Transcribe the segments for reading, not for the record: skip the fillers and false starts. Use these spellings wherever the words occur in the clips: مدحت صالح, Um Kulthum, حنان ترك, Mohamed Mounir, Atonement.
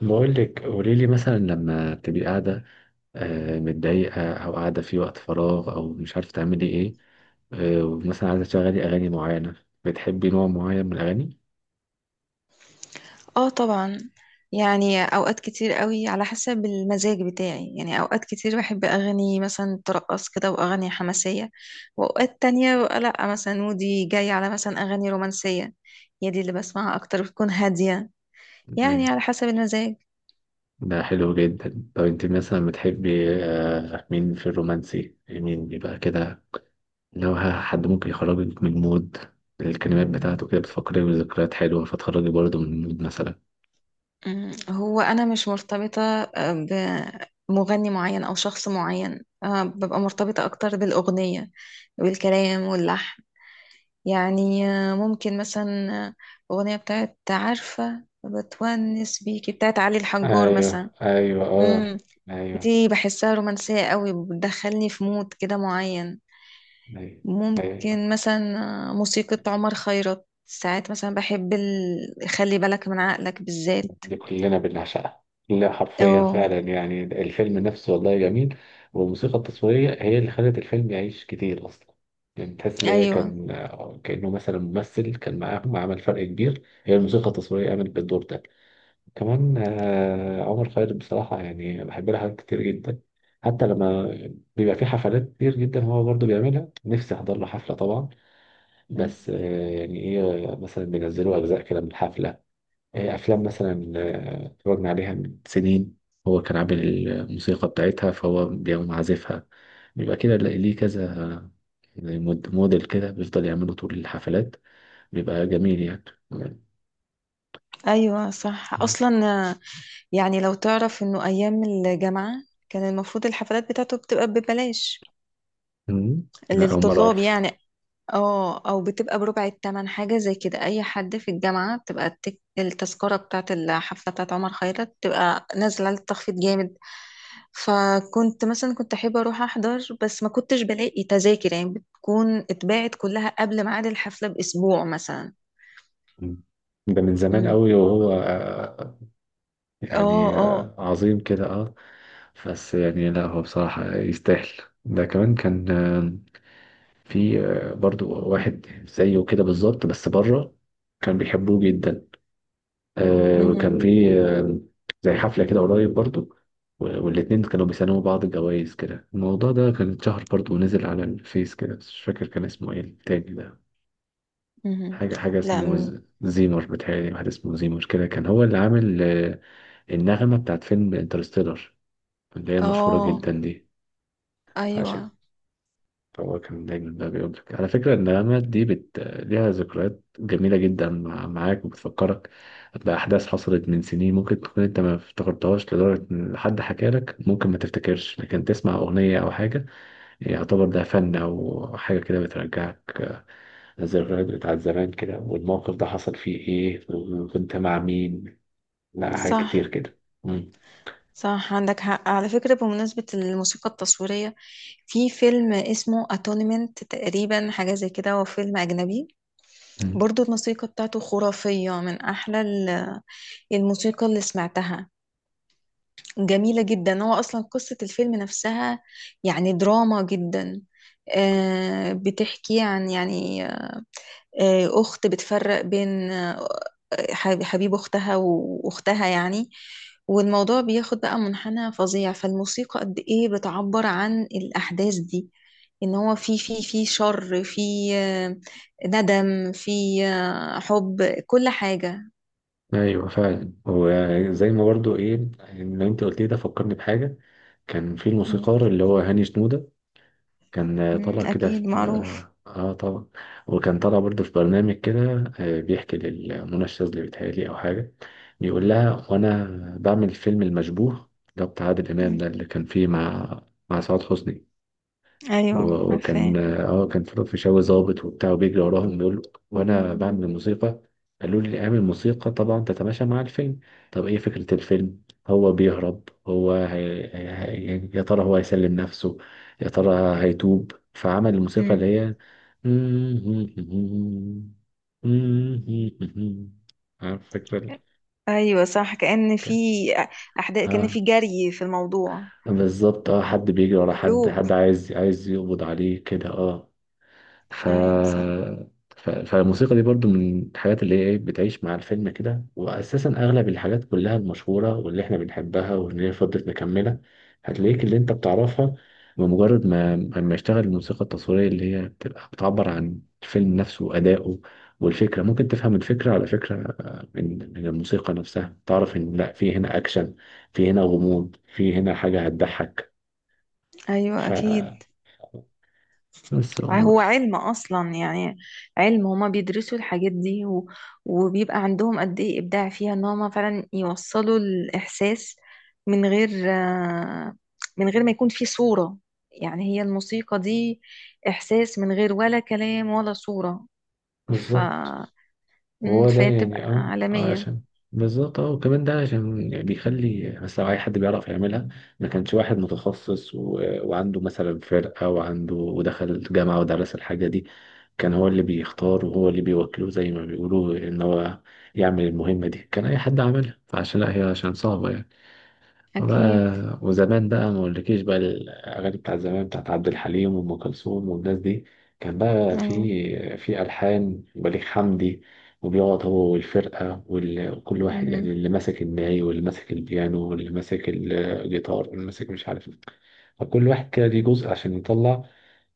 بقول لك قولي لي مثلا لما تبقي قاعدة، متضايقة أو قاعدة في وقت فراغ أو مش عارفة تعملي إيه. ومثلا عايزة تشغلي أغاني معينة، بتحبي نوع معين من الأغاني؟ اه، طبعا. يعني اوقات كتير قوي على حسب المزاج بتاعي، يعني اوقات كتير بحب اغاني مثلا ترقص كده واغاني حماسيه. واوقات تانية ببقى لا، مثلا مودي جاي على مثلا اغاني رومانسيه. هي دي اللي بسمعها اكتر، بتكون هاديه. يعني أيوة. على حسب المزاج. ده حلو جدا. طب أنت مثلا بتحبي مين في الرومانسي؟ مين بيبقى كده؟ لو حد ممكن يخرجك من المود، الكلمات بتاعته كده بتفكري بذكريات حلوة فتخرجي برضه من المود مثلا. هو انا مش مرتبطه بمغني معين او شخص معين، ببقى مرتبطه اكتر بالاغنيه، بالكلام واللحن. يعني ممكن مثلا اغنيه بتاعت، عارفه، بتونس بيكي بتاعت علي الحجار مثلا. ايوه ايوه اه. امم ايوه. دي بحسها رومانسيه قوي، بتدخلني في مود كده معين. ايوه. ممكن ايوه، مثلا موسيقى عمر خيرت، ساعات مثلا بحب خلي بالك من عقلك بالذات. دي كلنا بنعشقها. لا حرفيا اه. فعلا، يعني الفيلم نفسه والله جميل. والموسيقى التصويرية هي اللي خلت الفيلم يعيش كتير أصلا. يعني تحس إن هي ايوه. كان كأنه مثلا ممثل كان معاهم، عمل فرق كبير. هي الموسيقى التصويرية عملت بالدور ده. كمان عمر خيرت بصراحة يعني بحب لها حاجات كتير جدا. حتى لما بيبقى في حفلات كتير جدا هو برضه بيعملها، نفسي أحضر له حفلة طبعا. مم. بس يعني إيه، مثلا بينزلوا أجزاء كده من الحفلة. أفلام مثلا اتفرجنا عليها من سنين، هو كان عامل الموسيقى بتاعتها فهو بيقوم عازفها. بيبقى كده ليه كذا، زي موديل كده بيفضل يعمله طول الحفلات. بيبقى جميل يعني. ايوه صح مم. اصلا. آه، يعني لو تعرف انه ايام الجامعه كان المفروض الحفلات بتاعته بتبقى ببلاش مم. لا، أول مرة للطلاب أعرف. يعني. اه، او بتبقى بربع التمن حاجة زي كده، اي حد في الجامعة بتبقى التذكرة بتاعة الحفلة بتاعة عمر خيرت بتبقى نازلة على التخفيض جامد. فكنت مثلا كنت احب اروح احضر، بس ما كنتش بلاقي تذاكر، يعني بتكون اتباعت كلها قبل ميعاد الحفلة باسبوع مثلا. مم. ده من زمان مم. قوي، وهو اه، يعني اه. عظيم كده اه. بس يعني، لا هو بصراحة يستاهل. ده كمان كان في برضو واحد زيه كده بالظبط بس بره، كان بيحبوه جدا. مهم. وكان في زي حفلة كده قريب برضو، والاتنين كانوا بيسلموا بعض جوائز كده. الموضوع ده كان اتشهر برضو ونزل على الفيس كده، بس مش فاكر كان اسمه ايه التاني ده. مهم. حاجة حاجة لا. اسمه مم. زيمر، بتهيألي واحد اسمه زيمر كده كان هو اللي عامل النغمة بتاعت فيلم انترستيلر، اللي هي المشهورة اه، جدا دي. ايوه عشان، فهو كان دايما بقى بيقول لك على فكرة إن الندامات دي ليها ذكريات جميلة جدا معاك، وبتفكرك بأحداث حصلت من سنين، ممكن تكون أنت ما افتكرتهاش لدرجة إن حد حكى لك ممكن ما تفتكرش، لكن تسمع أغنية أو حاجة يعتبر ده فن أو حاجة كده بترجعك الذكريات بتاعت زمان كده، والموقف ده حصل فيه إيه وكنت مع مين. لا، حاجات كتير صح. كده. مم. صح عندك حق، على فكرة بمناسبة الموسيقى التصويرية، في فيلم اسمه اتونمنت تقريبا، حاجة زي كده، هو فيلم أجنبي. مم. برضو الموسيقى بتاعته خرافية، من أحلى الموسيقى اللي سمعتها. جميلة جدا. هو أصلا قصة الفيلم نفسها يعني دراما جدا. بتحكي عن، يعني، أخت بتفرق بين، حبيب أختها وأختها يعني. والموضوع بياخد بقى منحنى فظيع، فالموسيقى قد إيه بتعبر عن الأحداث دي. إن هو في في شر، في آه، ندم، في حب، كل حاجة. ايوه فعلا، وزي ما برضو ايه، اللي انت قلت لي ده فكرني بحاجه. كان في مم. الموسيقار اللي هو هاني شنودة، كان مم، طالع كده أكيد في معروف. طبعا، وكان طالع برضه في برنامج كده بيحكي لمنى الشاذلي بيتهيألي أو حاجة. بيقول لها: وأنا بعمل فيلم المشبوه، ده بتاع عادل إمام مم. ده اللي كان فيه مع سعاد حسني، أيوه عارفاه. وكان اه كان في الفيشاوي ظابط وبتاع وبيجري وراهم. بيقول له: وانا بعمل الموسيقى، قالوا لي اعمل موسيقى طبعا تتماشى مع الفيلم. طب ايه فكرة الفيلم؟ هو بيهرب، هو يا ترى هو هيسلم نفسه، يا ترى هيتوب؟ فعمل الموسيقى اللي مم. هي عارف فكرة ايوه صح، كأن في كان- احداث، كأن اه في جري في الموضوع، بالظبط اه، حد بيجري ورا حد، هروب. حد عايز يقبض عليه كده اه. ف... ايوه صح. فالموسيقى دي برضو من الحاجات اللي هي إيه بتعيش مع الفيلم كده، وأساسا أغلب الحاجات كلها المشهورة واللي إحنا بنحبها واللي هي فضلت مكملة، هتلاقيك اللي أنت بتعرفها بمجرد ما لما يشتغل الموسيقى التصويرية اللي هي بتبقى بتعبر عن الفيلم نفسه وأدائه. والفكرة ممكن تفهم الفكرة على فكرة من الموسيقى نفسها تعرف إن لأ، في هنا أكشن، في هنا غموض، في هنا حاجة هتضحك. ايوه ف اكيد. بس هو- هو علم اصلا يعني. علم، هما بيدرسوا الحاجات دي و... وبيبقى عندهم قد ايه ابداع فيها، ان هما فعلا يوصلوا الاحساس من غير من غير ما يكون في صورة. يعني هي الموسيقى دي احساس من غير ولا كلام ولا صورة. ف... بالظبط. وهو ده فهي بتبقى يعني اه عالمية. عشان، بالظبط اه. وكمان ده عشان يعني بيخلي، بس لو اي حد بيعرف يعملها، ما كانش واحد متخصص وعنده مثلا فرقة وعنده ودخل جامعة ودرس الحاجة دي، كان هو اللي بيختار وهو اللي بيوكله زي ما بيقولوا ان هو يعمل المهمة دي. كان اي حد عملها، فعشان لا هي عشان صعبة يعني. اكيد. بقى وزمان بقى ما اقولكيش، بقى الاغاني بتاعت زمان بتاعت عبد الحليم وام كلثوم والناس دي، كان بقى اه. في الحان بليغ حمدي، وبيقعد هو والفرقه وكل واحد يعني، مهم. اللي ماسك الناي واللي ماسك البيانو واللي ماسك الجيتار واللي ماسك مش عارف إيه. فكل واحد كده ليه جزء عشان يطلع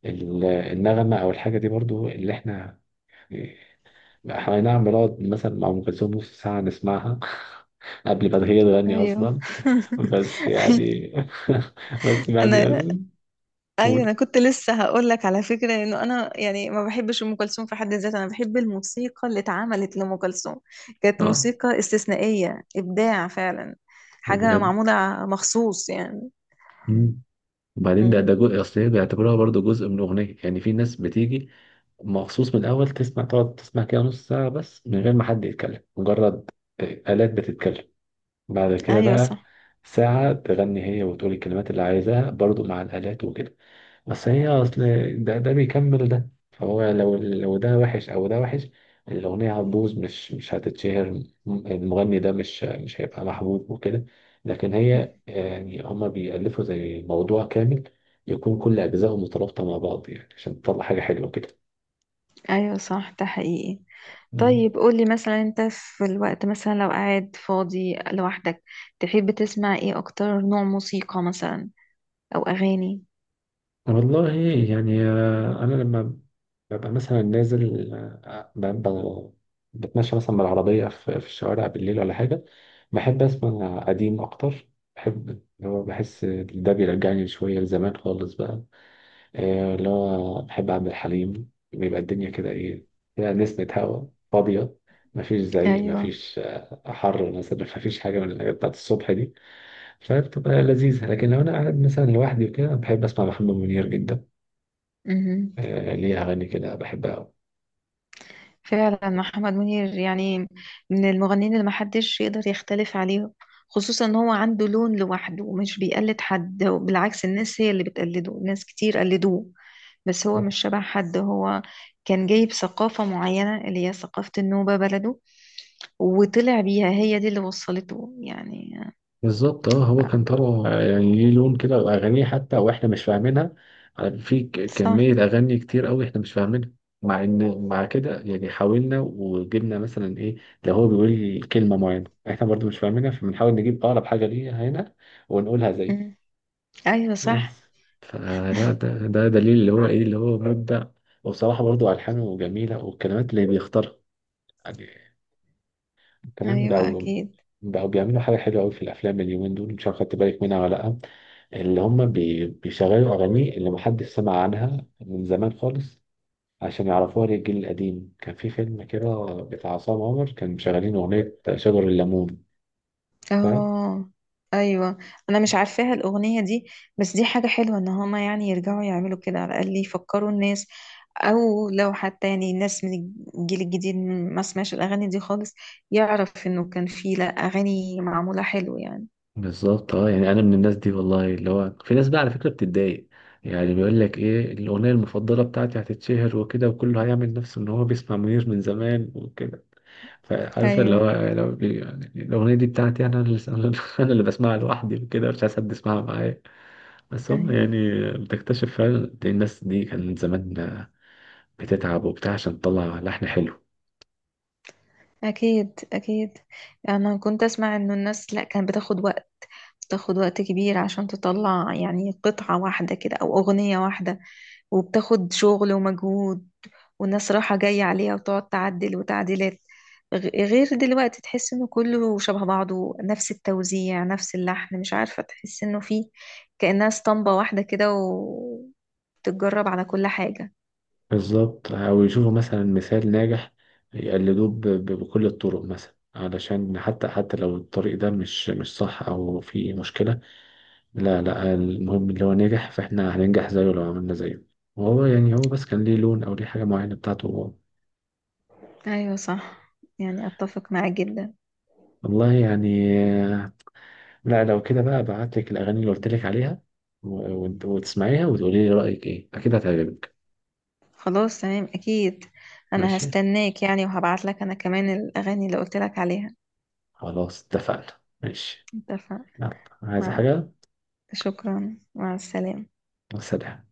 النغمه او الحاجه دي. برضو اللي احنا نعمل، نقعد مثلا مع ام كلثوم نص ساعه نسمعها قبل ما هي تغني ايوه. اصلا. بس يعني بس بعد انا. ياسين. ايوه، قول. انا كنت لسه هقول لك على فكره انه انا يعني ما بحبش ام كلثوم في حد ذاتها، انا بحب الموسيقى اللي اتعملت لام كلثوم. كانت اه موسيقى استثنائيه، ابداع فعلا. حاجه بجد. معموله مخصوص يعني. مم. وبعدين ده مم. ده جزء، اصل هي بيعتبروها برضو جزء من الاغنيه، يعني في ناس بتيجي مخصوص من الاول تسمع، تقعد تسمع كده نص ساعه بس من غير ما حد يتكلم، مجرد آه، آلات بتتكلم. بعد كده ايوه بقى صح. ساعه تغني هي وتقول الكلمات اللي عايزاها برضو مع الآلات وكده. بس هي اصل ده بيكمل ده، فهو لو ده وحش او ده وحش، الاغنيه هتبوظ، مش هتتشهر. المغني ده مش هيبقى محبوب وكده. لكن هي يعني هما بيألفوا زي موضوع كامل يكون كل اجزائه مترابطه مع بعض يعني عشان تطلع حاجه حلوه كده. ايوه صح، ده حقيقي. مم. طيب قولي مثلا، انت في الوقت مثلا لو قاعد فاضي لوحدك تحب تسمع ايه اكتر؟ نوع موسيقى مثلا او اغاني. والله يعني انا لما ببقى مثلا نازل بتمشى مثلا بالعربية في الشوارع بالليل ولا حاجة، بحب أسمع قديم أكتر. بحب اللي هو، بحس ده بيرجعني شوية لزمان خالص بقى. اللي هو بحب عبد الحليم، بيبقى الدنيا كده إيه، فيها نسمة هوا فاضية، مفيش زعيق، مفيش حر مثلا، مفيش حاجة من الحاجات بتاعت الصبح دي، فبتبقى لذيذة. لكن لو أنا قاعد مثلا لوحدي وكده بحب أسمع محمد منير جدا. ايوه ليه أغاني كده بحبها أوي. فعلا، محمد منير يعني من المغنيين اللي محدش يقدر يختلف عليه. خصوصا ان هو عنده لون لوحده، ومش بيقلد حد، وبالعكس الناس هي اللي بتقلده، ناس كتير قلدوه. بس هو مش شبه حد. هو كان جايب ثقافة معينة اللي هي ثقافة النوبة بلده، وطلع بيها، هي دي اللي وصلته يعني. بالظبط اه. هو ف... كان طالع يعني ليه لون كده، واغانيه حتى واحنا مش فاهمينها، في صح. كميه اغاني كتير قوي احنا مش فاهمينها. مع ان مع كده يعني حاولنا وجبنا مثلا ايه، لو هو بيقول كلمه معينه احنا برضو مش فاهمينها فبنحاول نجيب اقرب حاجه ليها هنا ونقولها مم. زيه. ايوه صح. بس فلا ده دليل اللي هو ايه اللي هو مبدع. وبصراحه برضو الحانه جميله والكلمات اللي بيختارها يعني. كمان ايوه بقوا اكيد. بقوا بيعملوا حاجة حلوة أوي في الأفلام اليومين دول، مش عارف خدت بالك منها ولا لأ، اللي هم بيشغلوا أغاني اللي محدش سمع عنها من زمان خالص، عشان يعرفوها للجيل القديم. كان في فيلم كده بتاع عصام عمر كان مشغلين أغنية شجر الليمون، فاهم؟ اه ايوه، انا مش عارفاها الاغنيه دي. بس دي حاجه حلوه، ان هما يعني يرجعوا يعملوا كده، على الاقل يفكروا الناس، او لو حتى يعني الناس من الجيل الجديد ما سمعش الاغاني دي خالص، يعرف انه كان في لا اغاني معموله حلو يعني. بالظبط اه. يعني انا من الناس دي والله، اللي هو في ناس بقى على فكره بتتضايق، يعني بيقول لك ايه الاغنيه المفضله بتاعتي، هتتشهر وكده وكله هيعمل نفسه ان هو بيسمع منير من زمان وكده. فعارف اللي ايوه. هو، لو يعني الأغنية دي بتاعتي أنا، اللي أنا اللي بسمعها لوحدي وكده، مش عايز حد يسمعها معايا. بس هم ايوه يعني بتكتشف فعلا قد إيه الناس دي كانت زمان بتتعب وبتاع عشان تطلع لحن حلو. اكيد. اكيد. انا كنت اسمع انه الناس لا كانت بتاخد وقت، بتاخد وقت كبير عشان تطلع يعني قطعه واحده كده او اغنيه واحده، وبتاخد شغل ومجهود، والناس راحة جاية عليها وتقعد تعدل وتعديلات. غير دلوقتي تحس انه كله شبه بعضه، نفس التوزيع نفس اللحن، مش عارفة، تحس انه فيه كأنها اسطمبة واحدة كده، وتتجرب على كل حاجة. بالظبط، أو يشوفوا مثلا مثال ناجح يقلدوه بكل الطرق، مثلا علشان حتى لو الطريق ده مش صح أو فيه مشكلة، لا لا المهم اللي هو نجح فإحنا هننجح زيه لو عملنا زيه. وهو يعني هو بس كان ليه لون أو ليه حاجة معينة بتاعته. ايوه صح، يعني اتفق معاك جدا. والله يعني آه، لا، لو كده بقى ابعت لك الاغاني اللي قلت لك عليها وتسمعيها وتقولي لي رايك ايه، اكيد هتعجبك. خلاص تمام، اكيد انا ماشي، هستناك يعني، وهبعت لك انا كمان الاغاني اللي قلت لك عليها. خلاص اتفقنا، ماشي. اتفق. يلا، عايز مع، حاجه؟ شكرا، مع السلامة. سلام.